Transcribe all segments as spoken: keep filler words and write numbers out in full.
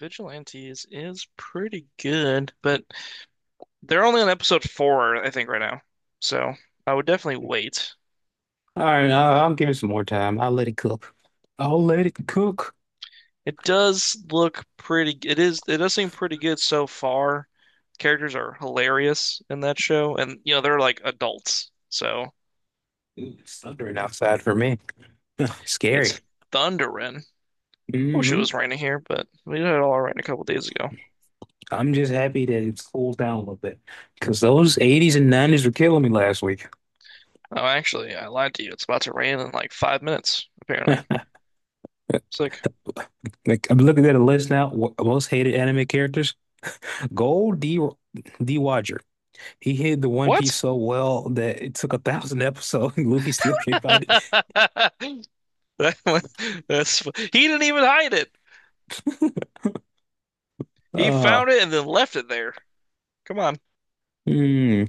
Vigilantes is pretty good, but they're only on episode four, I think, right now. So I would definitely wait. All right, I'll, I'll give it some more time. I'll let it cook. I'll let it cook. It does look pretty. It is. It does seem pretty good so far. Characters are hilarious in that show, and you know they're like adults, so Ooh, it's thundering outside for me. Scary. it's thundering. Wish it hmm was raining here, but we had it all rain a couple days ago. I'm just happy that it's cooled down a little bit because those eighties and nineties were killing me last week. Oh, actually, I lied to you. It's about to rain in like five minutes, apparently. It's like, Like I'm looking at a list now. wh- Most hated anime characters. Gold D D Roger. He hid the One Piece what? so well that it took a thousand episodes. Luffy still can't find it. It That was, that's he didn't even hide it. He Uh, found it and then left it there. Come on, hmm,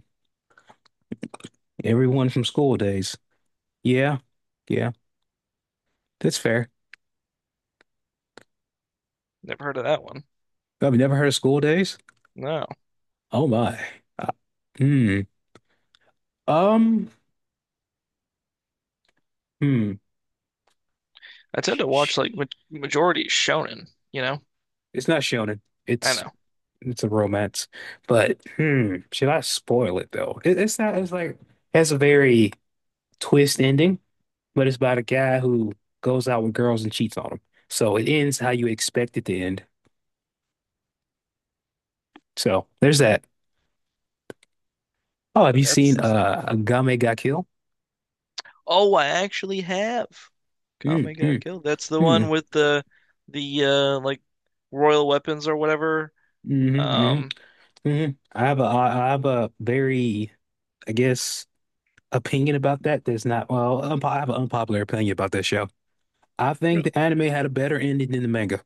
everyone from school days. Yeah, yeah, that's fair. never heard of that one. I've never heard of school days. No, Oh my. Uh, hmm. Um. Hmm. I tend Sh- to watch sh- like ma majority shonen. You know, It's not shonen. I It's know it's a romance. But hmm. Should I spoil it though? It, it's not. It's like has a very twist ending. But it's about a guy who goes out with girls and cheats on them. So it ends how you expect it to end. So there's that. Oh, have you seen that's. uh Game Ga Kill? Oh, I actually have. Mm, Kame got mm, killed. That's the one mm, with the the uh like royal weapons or whatever. mm, mm, Um, mm. I have a I I have a very, I guess, opinion about that. That's not well, unpo- I have an unpopular opinion about that show. I think Really? the anime had a better ending than the manga.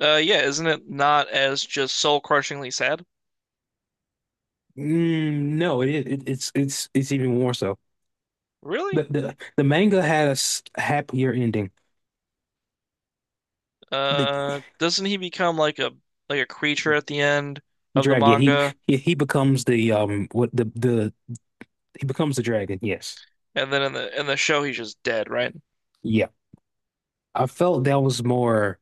uh, Yeah, isn't it not as just soul crushingly sad? Mm, no, it, it it's it's it's even more so. The, Really? The the manga had a s- happier ending. The Uh, doesn't he become like a like a creature at the end The of the dragon. Yeah, He, manga? he he becomes the um what the the he becomes the dragon. Yes. And then in the in the show, he's just dead, right? Yeah. I felt that was more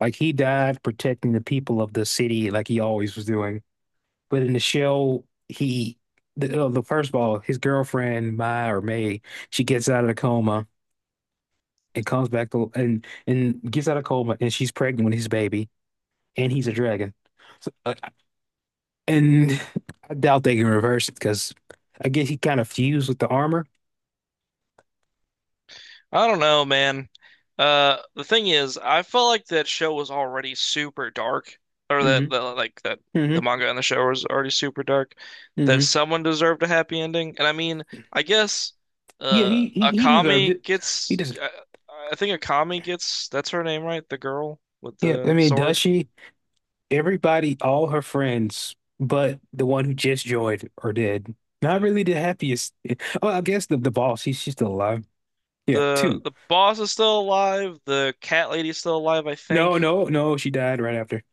like he died protecting the people of the city like he always was doing. But in the show, he the, uh, the first ball, his girlfriend, Mai or May, she gets out of the coma and comes back to, and and gets out of coma and she's pregnant with his baby and he's a dragon. So, uh, and I doubt they can reverse it because I guess he kind of fused with the armor. I don't know, man. Uh, the thing is, I felt like that show was already super dark, or that hmm the like that hmm the manga and the show was already super dark. That hmm someone deserved a happy ending, and I mean, I guess, Yeah, uh, he he he deserved it. Akami He gets. just I, I think Akami gets. That's her name, right? The girl with yeah. I the mean, does sword. she? Everybody, all her friends, but the one who just joined are dead. Not really the happiest. Oh, I guess the the boss. He's She's still alive. Yeah, The two. the boss is still alive. The cat lady's still alive, I No, think. no, no. She died right after.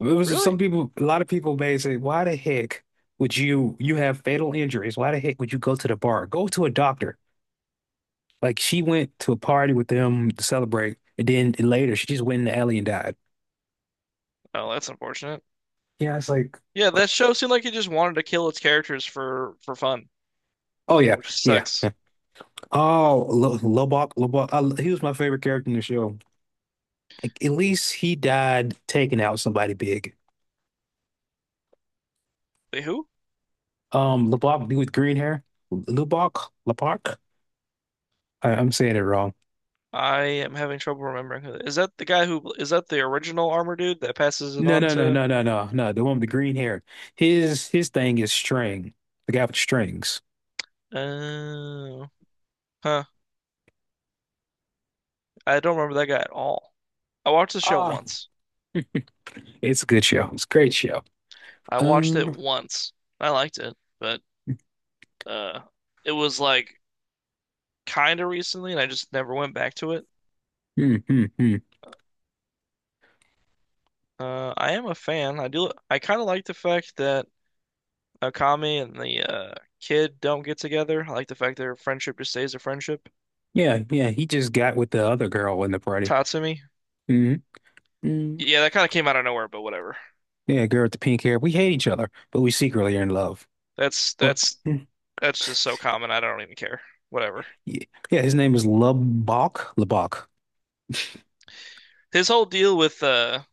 It was Really? some people. A lot of people may say, "Why the heck would you? You have fatal injuries. Why the heck would you go to the bar? Go to a doctor." Like she went to a party with them to celebrate, and then later she just went in the alley and died. Oh, that's unfortunate. Yeah, it's like, Yeah, that show seemed like it just wanted to kill its characters for for fun, oh yeah, which yeah. sucks. Oh, Lo- Lobok, Lobok. I, he was my favorite character in the show. Like, at least he died taking out somebody big. Wait, who? Um, Lobok, dude with green hair. Lubok, Lobok. I, I'm saying it wrong. I am having trouble remembering who. Is that the guy who is that the original armor dude that passes it No, on no, no, to? no, no, no, no. The one with the green hair. His his thing is string. The guy with the strings. Oh, huh. I don't remember that guy at all. I watched the show Ah, once. it's a good show. It's a great show. I watched it Um, once. I liked it, but uh, it was like kind of recently, and I just never went back to it. hmm, hmm, hmm. Uh, I am a fan. I do. I kind of like the fact that Akami and the uh, kid don't get together. I like the fact their friendship just stays a friendship. Yeah, yeah. He just got with the other girl in the party. Tatsumi. hmm mm Yeah, that kind of came out of nowhere, but whatever. Yeah, girl with the pink hair. We hate each other, but we secretly are in love. That's What? that's that's just so common. I don't even care. Whatever. Yeah, yeah, his name is Lubbock. Lubbock. His whole deal with uh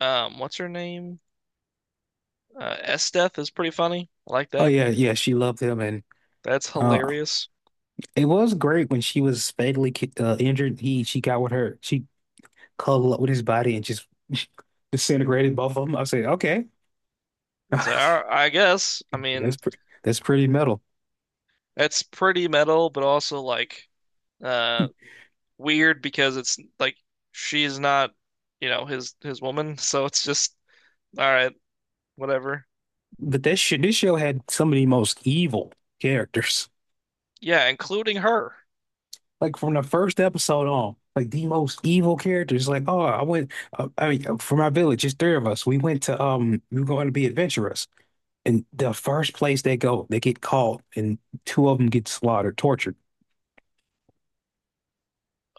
um what's her name? Uh S Death is pretty funny. I like Oh that. yeah, yeah, she loved him, and That's uh, hilarious. it was great when she was fatally ki- uh, injured. He She got with her, she cuddled up with his body and just disintegrated both of them. I said, okay, It's like, "All right, I guess. I that's mean, pretty, that's pretty metal. that's pretty metal, but also like uh weird because it's like she's not, you know, his his woman, so it's just all right, whatever. But that shit, this show had some of the most evil characters. Yeah, including her. Like from the first episode on, like the most evil characters. Like, oh, I went, uh, I mean, uh, for my village, it's three of us. We went to, um, we were going to be adventurous. And the first place they go, they get caught, and two of them get slaughtered, tortured.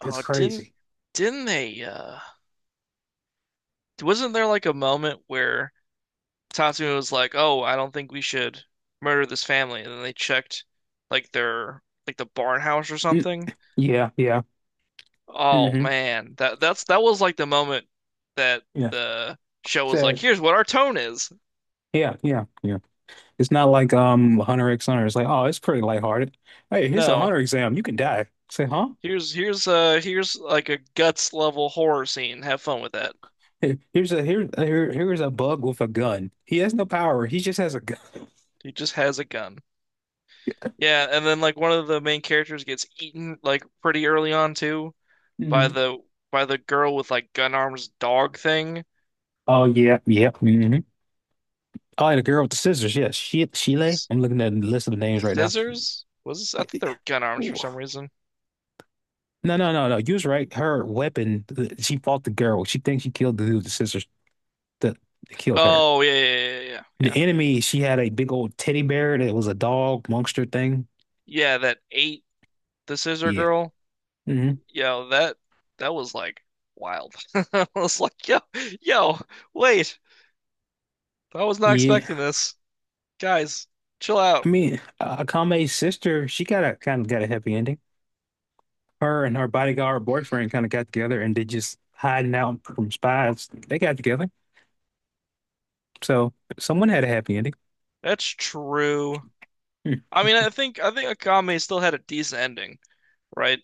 That's didn't crazy. didn't they uh wasn't there like a moment where Tatsumi was like, "Oh, I don't think we should murder this family." And then they checked like their like the barn house or Mm, something. yeah, yeah. Oh hmm man, that that's that was like the moment that Yeah. the show was like, So "Here's what our tone is." yeah, yeah, yeah. It's not like um Hunter X Hunter. It's like, oh, it's pretty lighthearted. Hey, here's a No. Hunter exam. You can die. Say, huh? Here's here's uh here's like a guts level horror scene. Have fun with that. Here- Here's a here here here's a bug with a gun. He has no power. He just has a gun. He just has a gun. Yeah, and then like one of the main characters gets eaten like pretty early on too by Mhm. the by the girl with like gun arms dog thing. Oh yeah, yeah. hmm Oh, and the girl with the scissors. Yes, she Sheila. S I'm looking at the list of the names right now. Scissors? Was this? I thought they were gun arms for some reason. No, no, no, no. You was right. Her weapon, the- she fought the girl. She thinks she killed the dude, the sisters that that killed her. Oh yeah, yeah, yeah, yeah, yeah. The Yeah, enemy, she had a big old teddy bear that was a dog monster thing. yeah, that ate the scissor Yeah. girl. hmm Yo, that that was like wild. I was like, yo, yo, wait. I was not Yeah. expecting this. Guys, chill out. I mean, uh, Akame's sister, she got a kind of got a happy ending. Her and her bodyguard boyfriend kind of got together and they just hiding out from spies. They got together. So someone had a happy ending. That's true. Hmm. I mean, I think I think Akame still had a decent ending, right?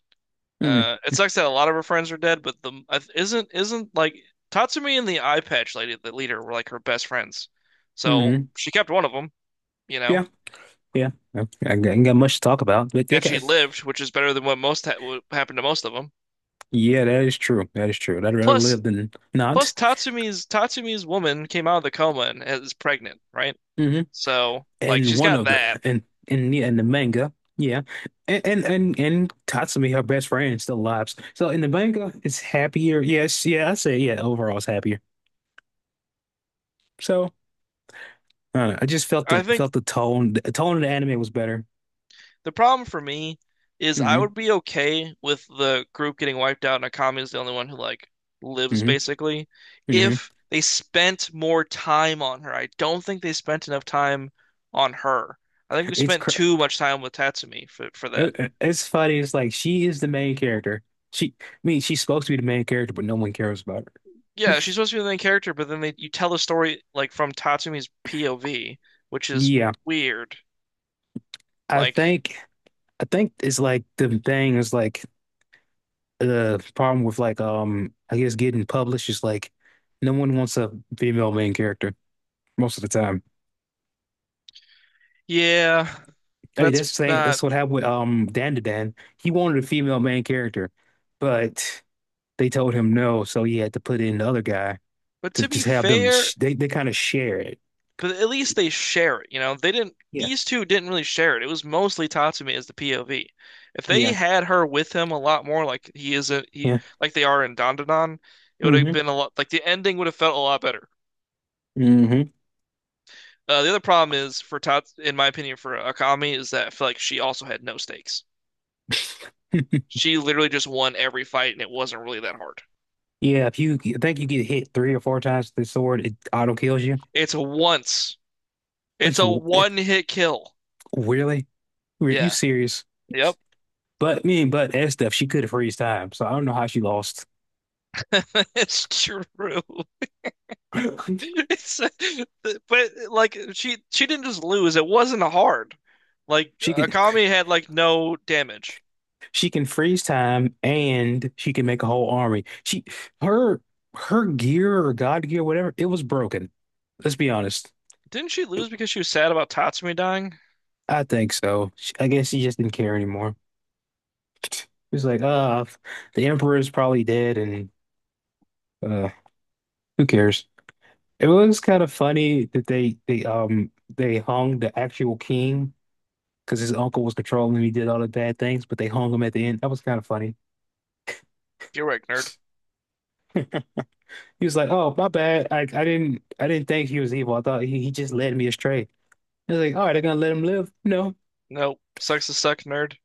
Mm-hmm. Uh, it sucks that a lot of her friends are dead, but the I th- isn't isn't like Tatsumi and the eye patch lady, the leader, were like her best friends. So Mm-hmm. she kept one of them, you know, Yeah. Yeah. I I ain't got much to talk about, but they and she got lived, which is better than what most ha what happened to most of them. yeah, that is true. That is true. I'd rather Plus, live than not. plus Tatsumi's Tatsumi's woman came out of the coma and is pregnant, right? hmm So like And she's one got of the that. and and yeah, and the manga, yeah, and and and, and Tatsumi, her best friend, still lives. So in the manga, it's happier. Yes, yeah, I say yeah. Overall, it's happier. So I don't know. I just felt I the think felt the tone. The tone of the anime was better. the problem for me is I hmm would be okay with the group getting wiped out and Akami is the only one who like lives hmm basically hmm if they spent more time on her. I don't think they spent enough time on her. I think we It's spent cr too much time with Tatsumi for for that. it- it's funny. It's like she is the main character. She, I mean, she's supposed to be the main character, but no one cares about her. Yeah, she's supposed to be the main character, but then they you tell the story like from Tatsumi's P O V, which is Yeah, weird. I Like, think. I think it's like the thing is like the problem with like um I guess getting published is like no one wants a female main character most of the time. yeah, I mean that's that's the same not. that's what happened with um Dan to Dan. He wanted a female main character, but they told him no, so he had to put in the other guy But to to be just have them fair, sh they they kind of share it. but at least they share it. You know, they didn't. Yeah, These two didn't really share it. It was mostly Tatsumi as the P O V. If they yeah, had her with him a lot more, like he is a he, yeah. like they are in Dandadan, it would have hmm been a lot. Like the ending would have felt a lot better. hmm Uh, the other problem is for Tats, in my opinion, for Akami is that I feel like she also had no stakes. She literally just won every fight, and it wasn't really that hard. Yeah, if you I think you get hit three or four times with the sword, it auto kills you. It's a once. It's It's a w- it, one hit kill. really? Were you Yeah. serious? Yep. But me and but S stuff, she could freeze time. So I don't know how she lost. It's true. It's but like she she didn't just lose. It wasn't hard. Like She can Akami had like no damage. she can freeze time and she can make a whole army. She her Her gear or God gear, whatever, it was broken. Let's be honest. Didn't she lose because she was sad about Tatsumi dying? I think so. She- I guess she just didn't care anymore. It was like, uh, the emperor is probably dead, and uh, who cares? It was kind of funny that they they um they hung the actual king, because his uncle was controlling him. He did all the bad things, but they hung him at the end. That was kind of funny. You're right, nerd. He was like, "Oh, my bad. I, I didn't I didn't think he was evil. I thought he, he just led me astray." I was like, "All right, they're gonna let him live?" No. No, sucks to suck, nerd.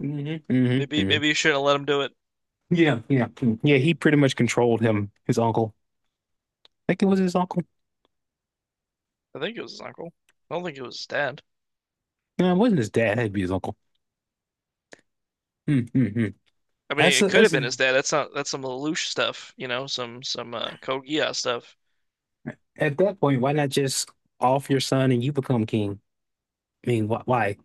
hmm hmm Maybe hmm maybe you shouldn't have let him do it. Yeah, yeah, mm, yeah. He pretty much controlled him. His uncle. I think it was his uncle. I think it was his uncle. I don't think it was his dad. No, it wasn't his dad. It'd be his uncle. Mm-hmm. I mean, That's it a, could have that's been his a, dad. That's not that's some Lelouch stuff, you know, some some uh, Code Geass stuff, at that point, why not just off your son and you become king? I mean, wh why?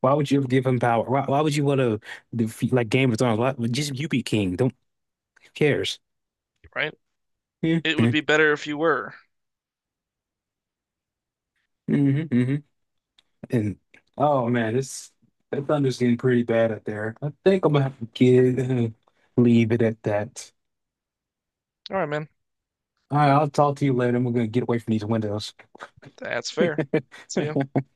Why would you give him power? Why, why would you want to defeat like Game of Thrones? Why, just you be king. Don't who cares. right? hmm It would hmm be better if you were. hmm And oh man, this that thunder's getting pretty bad out there. I think I'm gonna have to get leave it at that. All right, man. All right, I'll talk to you later. I'm gonna get away from these windows. That's fair. See ya.